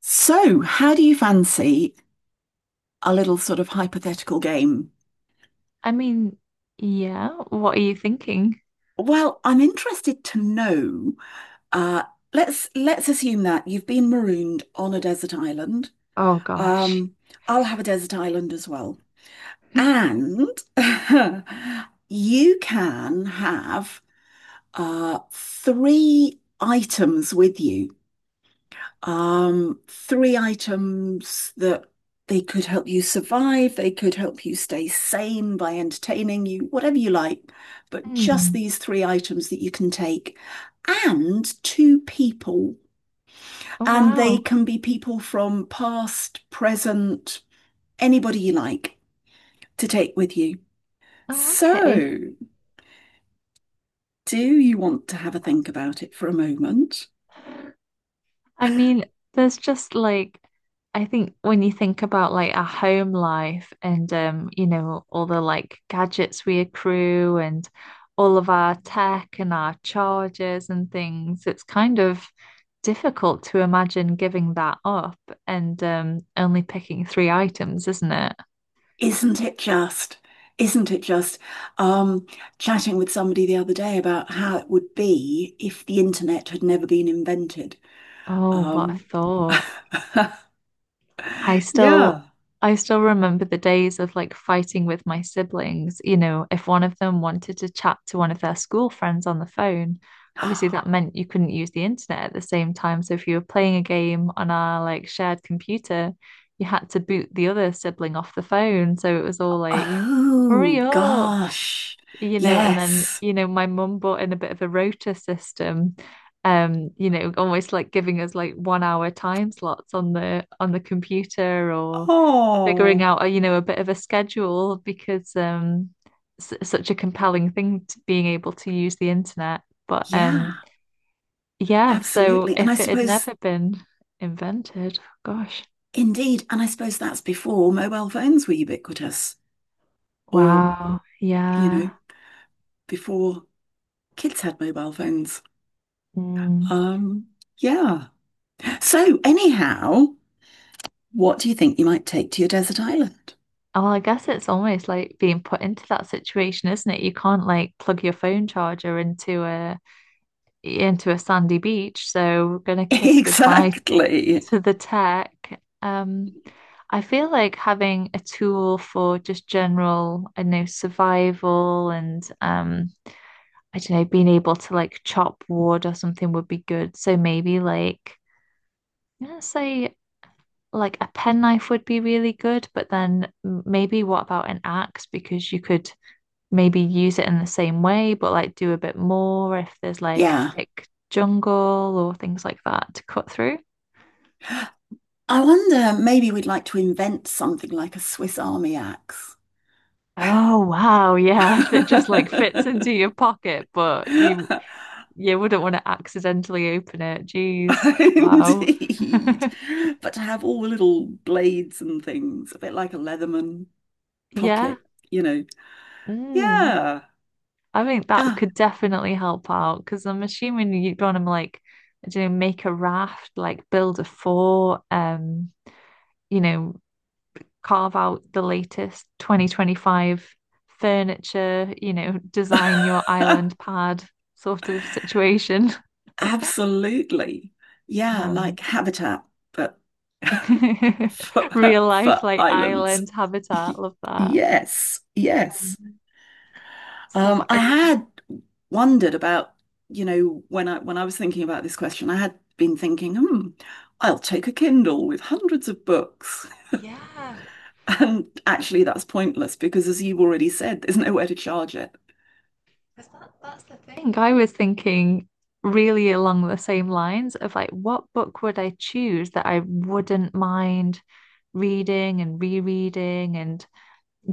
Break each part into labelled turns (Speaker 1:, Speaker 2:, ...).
Speaker 1: So, how do you fancy a little sort of hypothetical game?
Speaker 2: I mean, yeah, what are you thinking?
Speaker 1: Well, I'm interested to know. Uh, let's assume that you've been marooned on a desert island.
Speaker 2: Oh gosh.
Speaker 1: Um, I'll have a desert island as well, and you can have three items with you. Three items that they could help you survive, they could help you stay sane by entertaining you, whatever you like, but just
Speaker 2: Hmm.
Speaker 1: these three items that you can take. And two people,
Speaker 2: Oh
Speaker 1: and they
Speaker 2: wow.
Speaker 1: can be people from past, present, anybody you like to take with you.
Speaker 2: Oh, okay.
Speaker 1: So, do you want to have a think about it for a moment?
Speaker 2: I mean, there's just like, I think when you think about like our home life and you know, all the like gadgets we accrue and all of our tech and our chargers and things, it's kind of difficult to imagine giving that up and only picking three items, isn't it?
Speaker 1: Isn't it just? Isn't it just? Um, chatting with somebody the other day about how it would be if the internet had never been invented.
Speaker 2: Oh, what a
Speaker 1: Um,
Speaker 2: thought. I still
Speaker 1: yeah.
Speaker 2: I still remember the days of like fighting with my siblings, you know, if one of them wanted to chat to one of their school friends on the phone. Obviously that meant you couldn't use the internet at the same time. So if you were playing a game on our like shared computer, you had to boot the other sibling off the phone. So it was all like,
Speaker 1: Oh,
Speaker 2: hurry up,
Speaker 1: gosh.
Speaker 2: you know, and then,
Speaker 1: Yes.
Speaker 2: you know, my mum bought in a bit of a rota system, you know, almost like giving us like 1 hour time slots on the computer, or figuring
Speaker 1: Oh,
Speaker 2: out, a, you know, a bit of a schedule because s such a compelling thing to being able to use the internet. But
Speaker 1: yeah,
Speaker 2: yeah, so
Speaker 1: absolutely. And I
Speaker 2: if it had
Speaker 1: suppose,
Speaker 2: never been invented, gosh.
Speaker 1: indeed, and I suppose that's before mobile phones were ubiquitous, or,
Speaker 2: Wow.
Speaker 1: you know,
Speaker 2: Yeah.
Speaker 1: before kids had mobile phones.
Speaker 2: Mm.
Speaker 1: Um, yeah. So, anyhow, what do you think you might take to your desert island?
Speaker 2: Well, I guess it's almost like being put into that situation, isn't it? You can't like plug your phone charger into a sandy beach, so we're gonna kiss goodbye
Speaker 1: Exactly.
Speaker 2: to the tech. I feel like having a tool for just general, I know, survival and I don't know, being able to like chop wood or something would be good. So maybe like I'm gonna say like a penknife would be really good, but then maybe what about an axe? Because you could maybe use it in the same way, but like do a bit more if there's like
Speaker 1: Yeah.
Speaker 2: thick jungle or things like that to cut through.
Speaker 1: I wonder, maybe we'd like to invent something like a Swiss Army axe.
Speaker 2: Oh wow, yeah, that just like fits into your pocket, but you wouldn't want to accidentally open it. Jeez, wow.
Speaker 1: Indeed. But to have all the little blades and things, a bit like a Leatherman
Speaker 2: Yeah.
Speaker 1: pocket, you know.
Speaker 2: Mm.
Speaker 1: Yeah.
Speaker 2: I think that
Speaker 1: Ah.
Speaker 2: could definitely help out because I'm assuming you'd want to like, I don't know, make a raft, like build a fort, you know, carve out the latest 2025 furniture, you know, design your island pad sort of situation.
Speaker 1: Absolutely. Yeah,
Speaker 2: Um,
Speaker 1: like habitat, but for,
Speaker 2: real life,
Speaker 1: for
Speaker 2: like
Speaker 1: islands.
Speaker 2: island habitat, love that.
Speaker 1: Yes, yes.
Speaker 2: Um, so
Speaker 1: I
Speaker 2: I
Speaker 1: had wondered about, when I was thinking about this question, I had been thinking, I'll take a Kindle with hundreds of books. And actually that's pointless because as you've already said, there's nowhere to charge it.
Speaker 2: think I was thinking really along the same lines of like, what book would I choose that I wouldn't mind reading and rereading and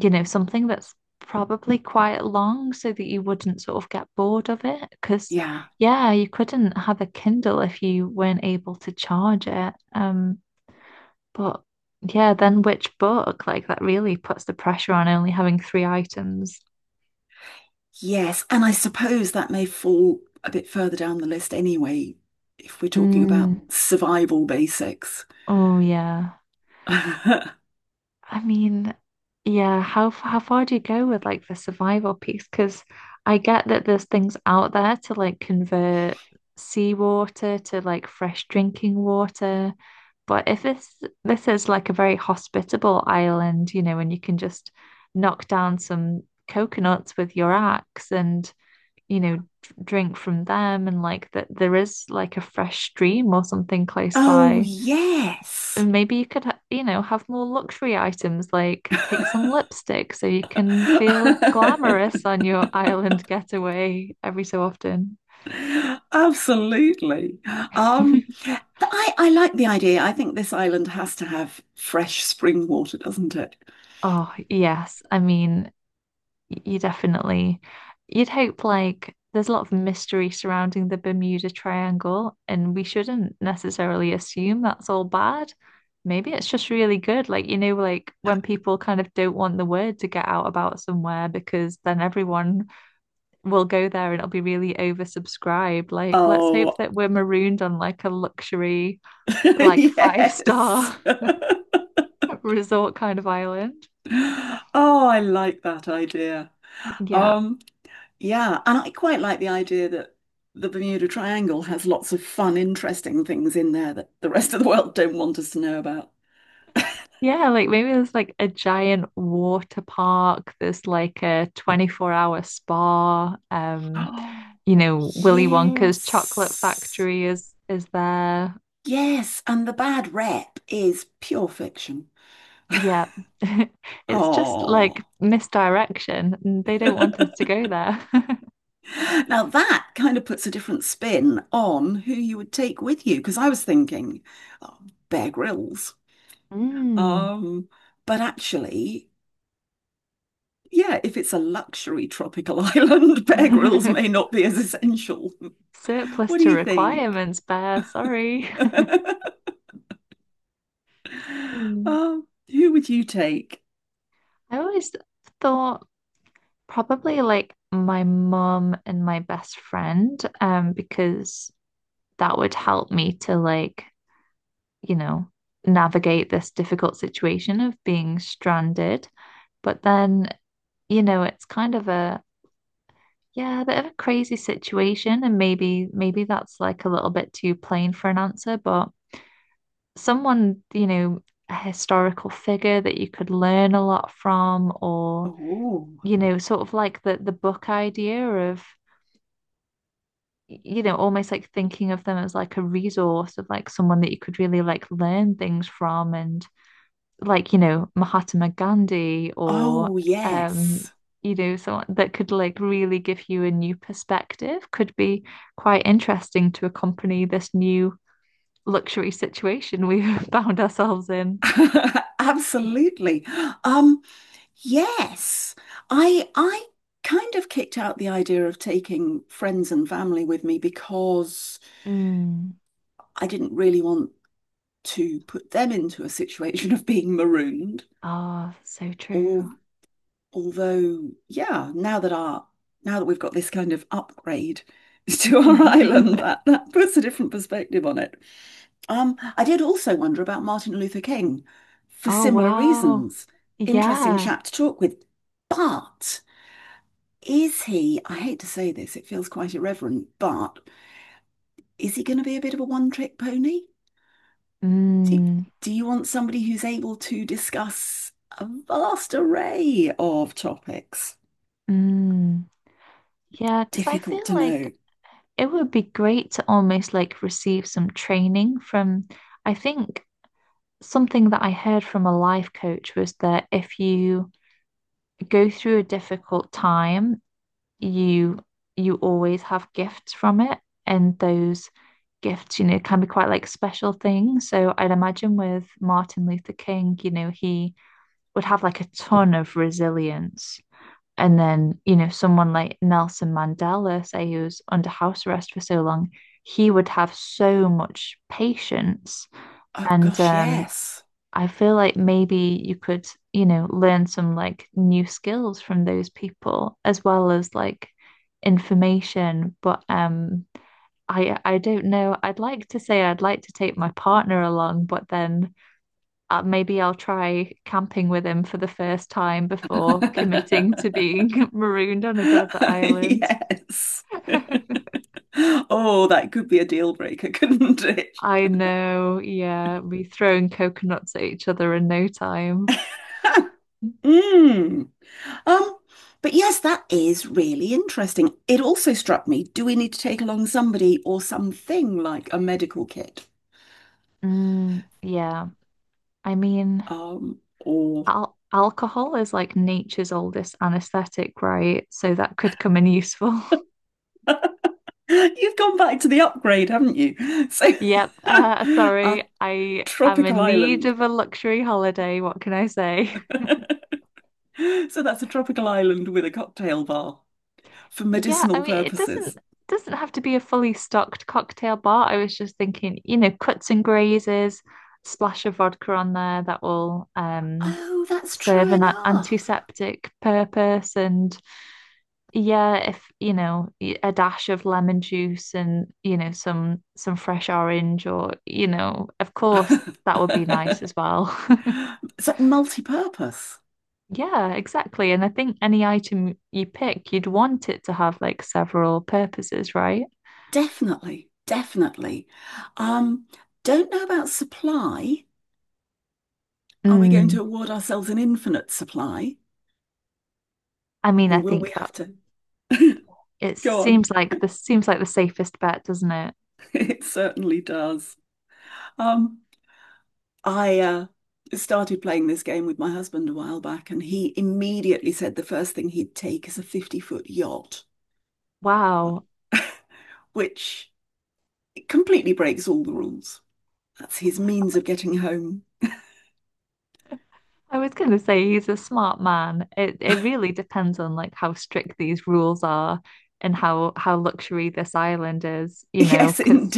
Speaker 2: you know, something that's probably quite long so that you wouldn't sort of get bored of it. Because,
Speaker 1: Yeah.
Speaker 2: yeah, you couldn't have a Kindle if you weren't able to charge it. But yeah, then
Speaker 1: Mm.
Speaker 2: which book? Like that really puts the pressure on only having three items.
Speaker 1: Yes, and I suppose that may fall a bit further down the list anyway, if we're talking about
Speaker 2: Mm,
Speaker 1: survival basics.
Speaker 2: oh, yeah. I mean, yeah, how how far do you go with like the survival piece? Because I get that there's things out there to like convert seawater to like fresh drinking water, but if this is like a very hospitable island, you know, and you can just knock down some coconuts with your axe and you know drink from them, and like that there is like a fresh stream or something close
Speaker 1: Oh,
Speaker 2: by.
Speaker 1: yes.
Speaker 2: And maybe you could, you know, have more luxury items like take some lipstick so you can feel glamorous on your island getaway every so often.
Speaker 1: Absolutely. Um, I like the idea. I think this island has to have fresh spring water, doesn't it?
Speaker 2: Oh, yes. You definitely, you'd hope like there's a lot of mystery surrounding the Bermuda Triangle, and we shouldn't necessarily assume that's all bad. Maybe it's just really good. Like, you know, like when people kind of don't want the word to get out about somewhere because then everyone we'll go there and it'll be really oversubscribed. Like, let's
Speaker 1: Oh,
Speaker 2: hope that we're marooned on like a luxury, like five
Speaker 1: yes.
Speaker 2: star resort kind of island.
Speaker 1: Oh, I like that idea.
Speaker 2: Yeah.
Speaker 1: Um, yeah, and I quite like the idea that the Bermuda Triangle has lots of fun, interesting things in there that the rest of the world don't want us to know about.
Speaker 2: Yeah, like maybe there's like a giant water park. There's like a 24-hour spa.
Speaker 1: Oh,
Speaker 2: You know, Willy Wonka's chocolate
Speaker 1: yes.
Speaker 2: factory is there.
Speaker 1: Yes, and the bad rep is pure fiction.
Speaker 2: Yeah. It's just like
Speaker 1: Oh.
Speaker 2: misdirection. They don't want us to go there.
Speaker 1: Now that kind of puts a different spin on who you would take with you, because I was thinking, oh, Bear Grylls.
Speaker 2: Mm.
Speaker 1: Um, but actually, yeah, if it's a luxury tropical island, Bear Grylls may not be as essential.
Speaker 2: Surplus
Speaker 1: What do
Speaker 2: to
Speaker 1: you think?
Speaker 2: requirements, bear. Sorry. Mm.
Speaker 1: Who would you take?
Speaker 2: I always thought probably like my mum and my best friend, because that would help me to like, you know, navigate this difficult situation of being stranded. But then, you know, it's kind of a yeah, a bit of a crazy situation, and maybe that's like a little bit too plain for an answer, but someone, you know, a historical figure that you could learn a lot from, or,
Speaker 1: Oh,
Speaker 2: you know, sort of like the book idea of, you know, almost like thinking of them as like a resource of like someone that you could really like learn things from and like, you know, Mahatma Gandhi or
Speaker 1: oh
Speaker 2: um.
Speaker 1: yes,
Speaker 2: You know, someone that could like really give you a new perspective could be quite interesting to accompany this new luxury situation we've found ourselves in.
Speaker 1: absolutely. Um, Yes. I kind of kicked out the idea of taking friends and family with me because
Speaker 2: Mm.
Speaker 1: I didn't really want to put them into a situation of being marooned.
Speaker 2: Oh, so
Speaker 1: Al
Speaker 2: true.
Speaker 1: although, yeah, now that our now that we've got this kind of upgrade to
Speaker 2: Mm.
Speaker 1: our island, that puts a different perspective on it. I did also wonder about Martin Luther King for
Speaker 2: Oh,
Speaker 1: similar
Speaker 2: wow.
Speaker 1: reasons. Interesting
Speaker 2: Yeah.
Speaker 1: chap to talk with, but is he, I hate to say this, it feels quite irreverent, but is he going to be a bit of a one-trick pony? Do,
Speaker 2: Mm.
Speaker 1: do you want somebody who's able to discuss a vast array of topics?
Speaker 2: Mm. Yeah, because I
Speaker 1: Difficult
Speaker 2: feel
Speaker 1: to
Speaker 2: like
Speaker 1: know.
Speaker 2: it would be great to almost like receive some training from, I think something that I heard from a life coach was that if you go through a difficult time you you always have gifts from it, and those gifts, you know, can be quite like special things. So I'd imagine with Martin Luther King, you know, he would have like a ton of resilience. And then, you know, someone like Nelson Mandela, say he was under house arrest for so long, he would have so much patience
Speaker 1: Oh
Speaker 2: and
Speaker 1: gosh, yes.
Speaker 2: I feel like maybe you could, you know, learn some like new skills from those people as well as like information. But I don't know. I'd like to say I'd like to take my partner along, but then maybe I'll try camping with him for the first time before committing to being marooned on a desert island.
Speaker 1: Yes. Oh, that could be a deal breaker, couldn't it?
Speaker 2: I know, yeah, be throwing coconuts at each other in no time.
Speaker 1: Mm. Um, but yes, that is really interesting. It also struck me, do we need to take along somebody or something like a medical kit?
Speaker 2: Mm, yeah. I mean,
Speaker 1: Or
Speaker 2: al alcohol is like nature's oldest anesthetic, right? So that could come in useful.
Speaker 1: you've gone back to the upgrade, haven't you? So
Speaker 2: Yep.
Speaker 1: a
Speaker 2: Sorry, I am
Speaker 1: tropical
Speaker 2: in need
Speaker 1: island.
Speaker 2: of a luxury holiday. What can I say?
Speaker 1: So that's a tropical island with a cocktail bar for
Speaker 2: Yeah, I
Speaker 1: medicinal
Speaker 2: mean, it
Speaker 1: purposes.
Speaker 2: doesn't have to be a fully stocked cocktail bar. I was just thinking, you know, cuts and grazes, splash of vodka on there that will
Speaker 1: Oh, that's true
Speaker 2: serve an
Speaker 1: enough.
Speaker 2: antiseptic purpose. And yeah, if you know, a dash of lemon juice and you know, some fresh orange or you know, of course, that would be nice as well.
Speaker 1: So multi-purpose.
Speaker 2: Yeah, exactly. And I think any item you pick, you'd want it to have like several purposes, right?
Speaker 1: Definitely, definitely. Um, don't know about supply. Are we going to
Speaker 2: Mm.
Speaker 1: award ourselves an infinite supply,
Speaker 2: I mean, I
Speaker 1: or will
Speaker 2: think
Speaker 1: we
Speaker 2: that
Speaker 1: have to
Speaker 2: it
Speaker 1: go on?
Speaker 2: seems like the safest bet, doesn't it?
Speaker 1: It certainly does. Um, I started playing this game with my husband a while back, and he immediately said the first thing he'd take is a 50-foot yacht,
Speaker 2: Wow.
Speaker 1: which completely breaks all the rules. That's his means of getting home.
Speaker 2: I was going to say he's a smart man. It really depends on like how strict these rules are and how luxury this island is, you know,
Speaker 1: Yes,
Speaker 2: because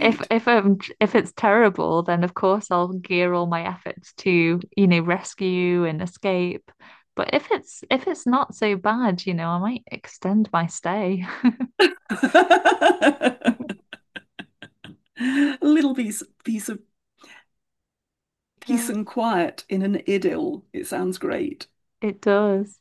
Speaker 2: if it's terrible, then of course I'll gear all my efforts to, you know, rescue and escape. But if it's not so bad, you know, I might extend my stay.
Speaker 1: A little piece of peace
Speaker 2: Yeah,
Speaker 1: and quiet in an idyll. It sounds great.
Speaker 2: it does.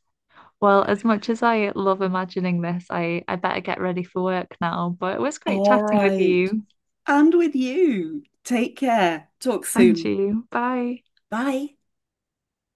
Speaker 2: Well, as much as I love imagining this, I better get ready for work now. But it was great
Speaker 1: All
Speaker 2: chatting with
Speaker 1: right.
Speaker 2: you
Speaker 1: And with you. Take care. Talk
Speaker 2: and
Speaker 1: soon.
Speaker 2: you. Bye.
Speaker 1: Bye.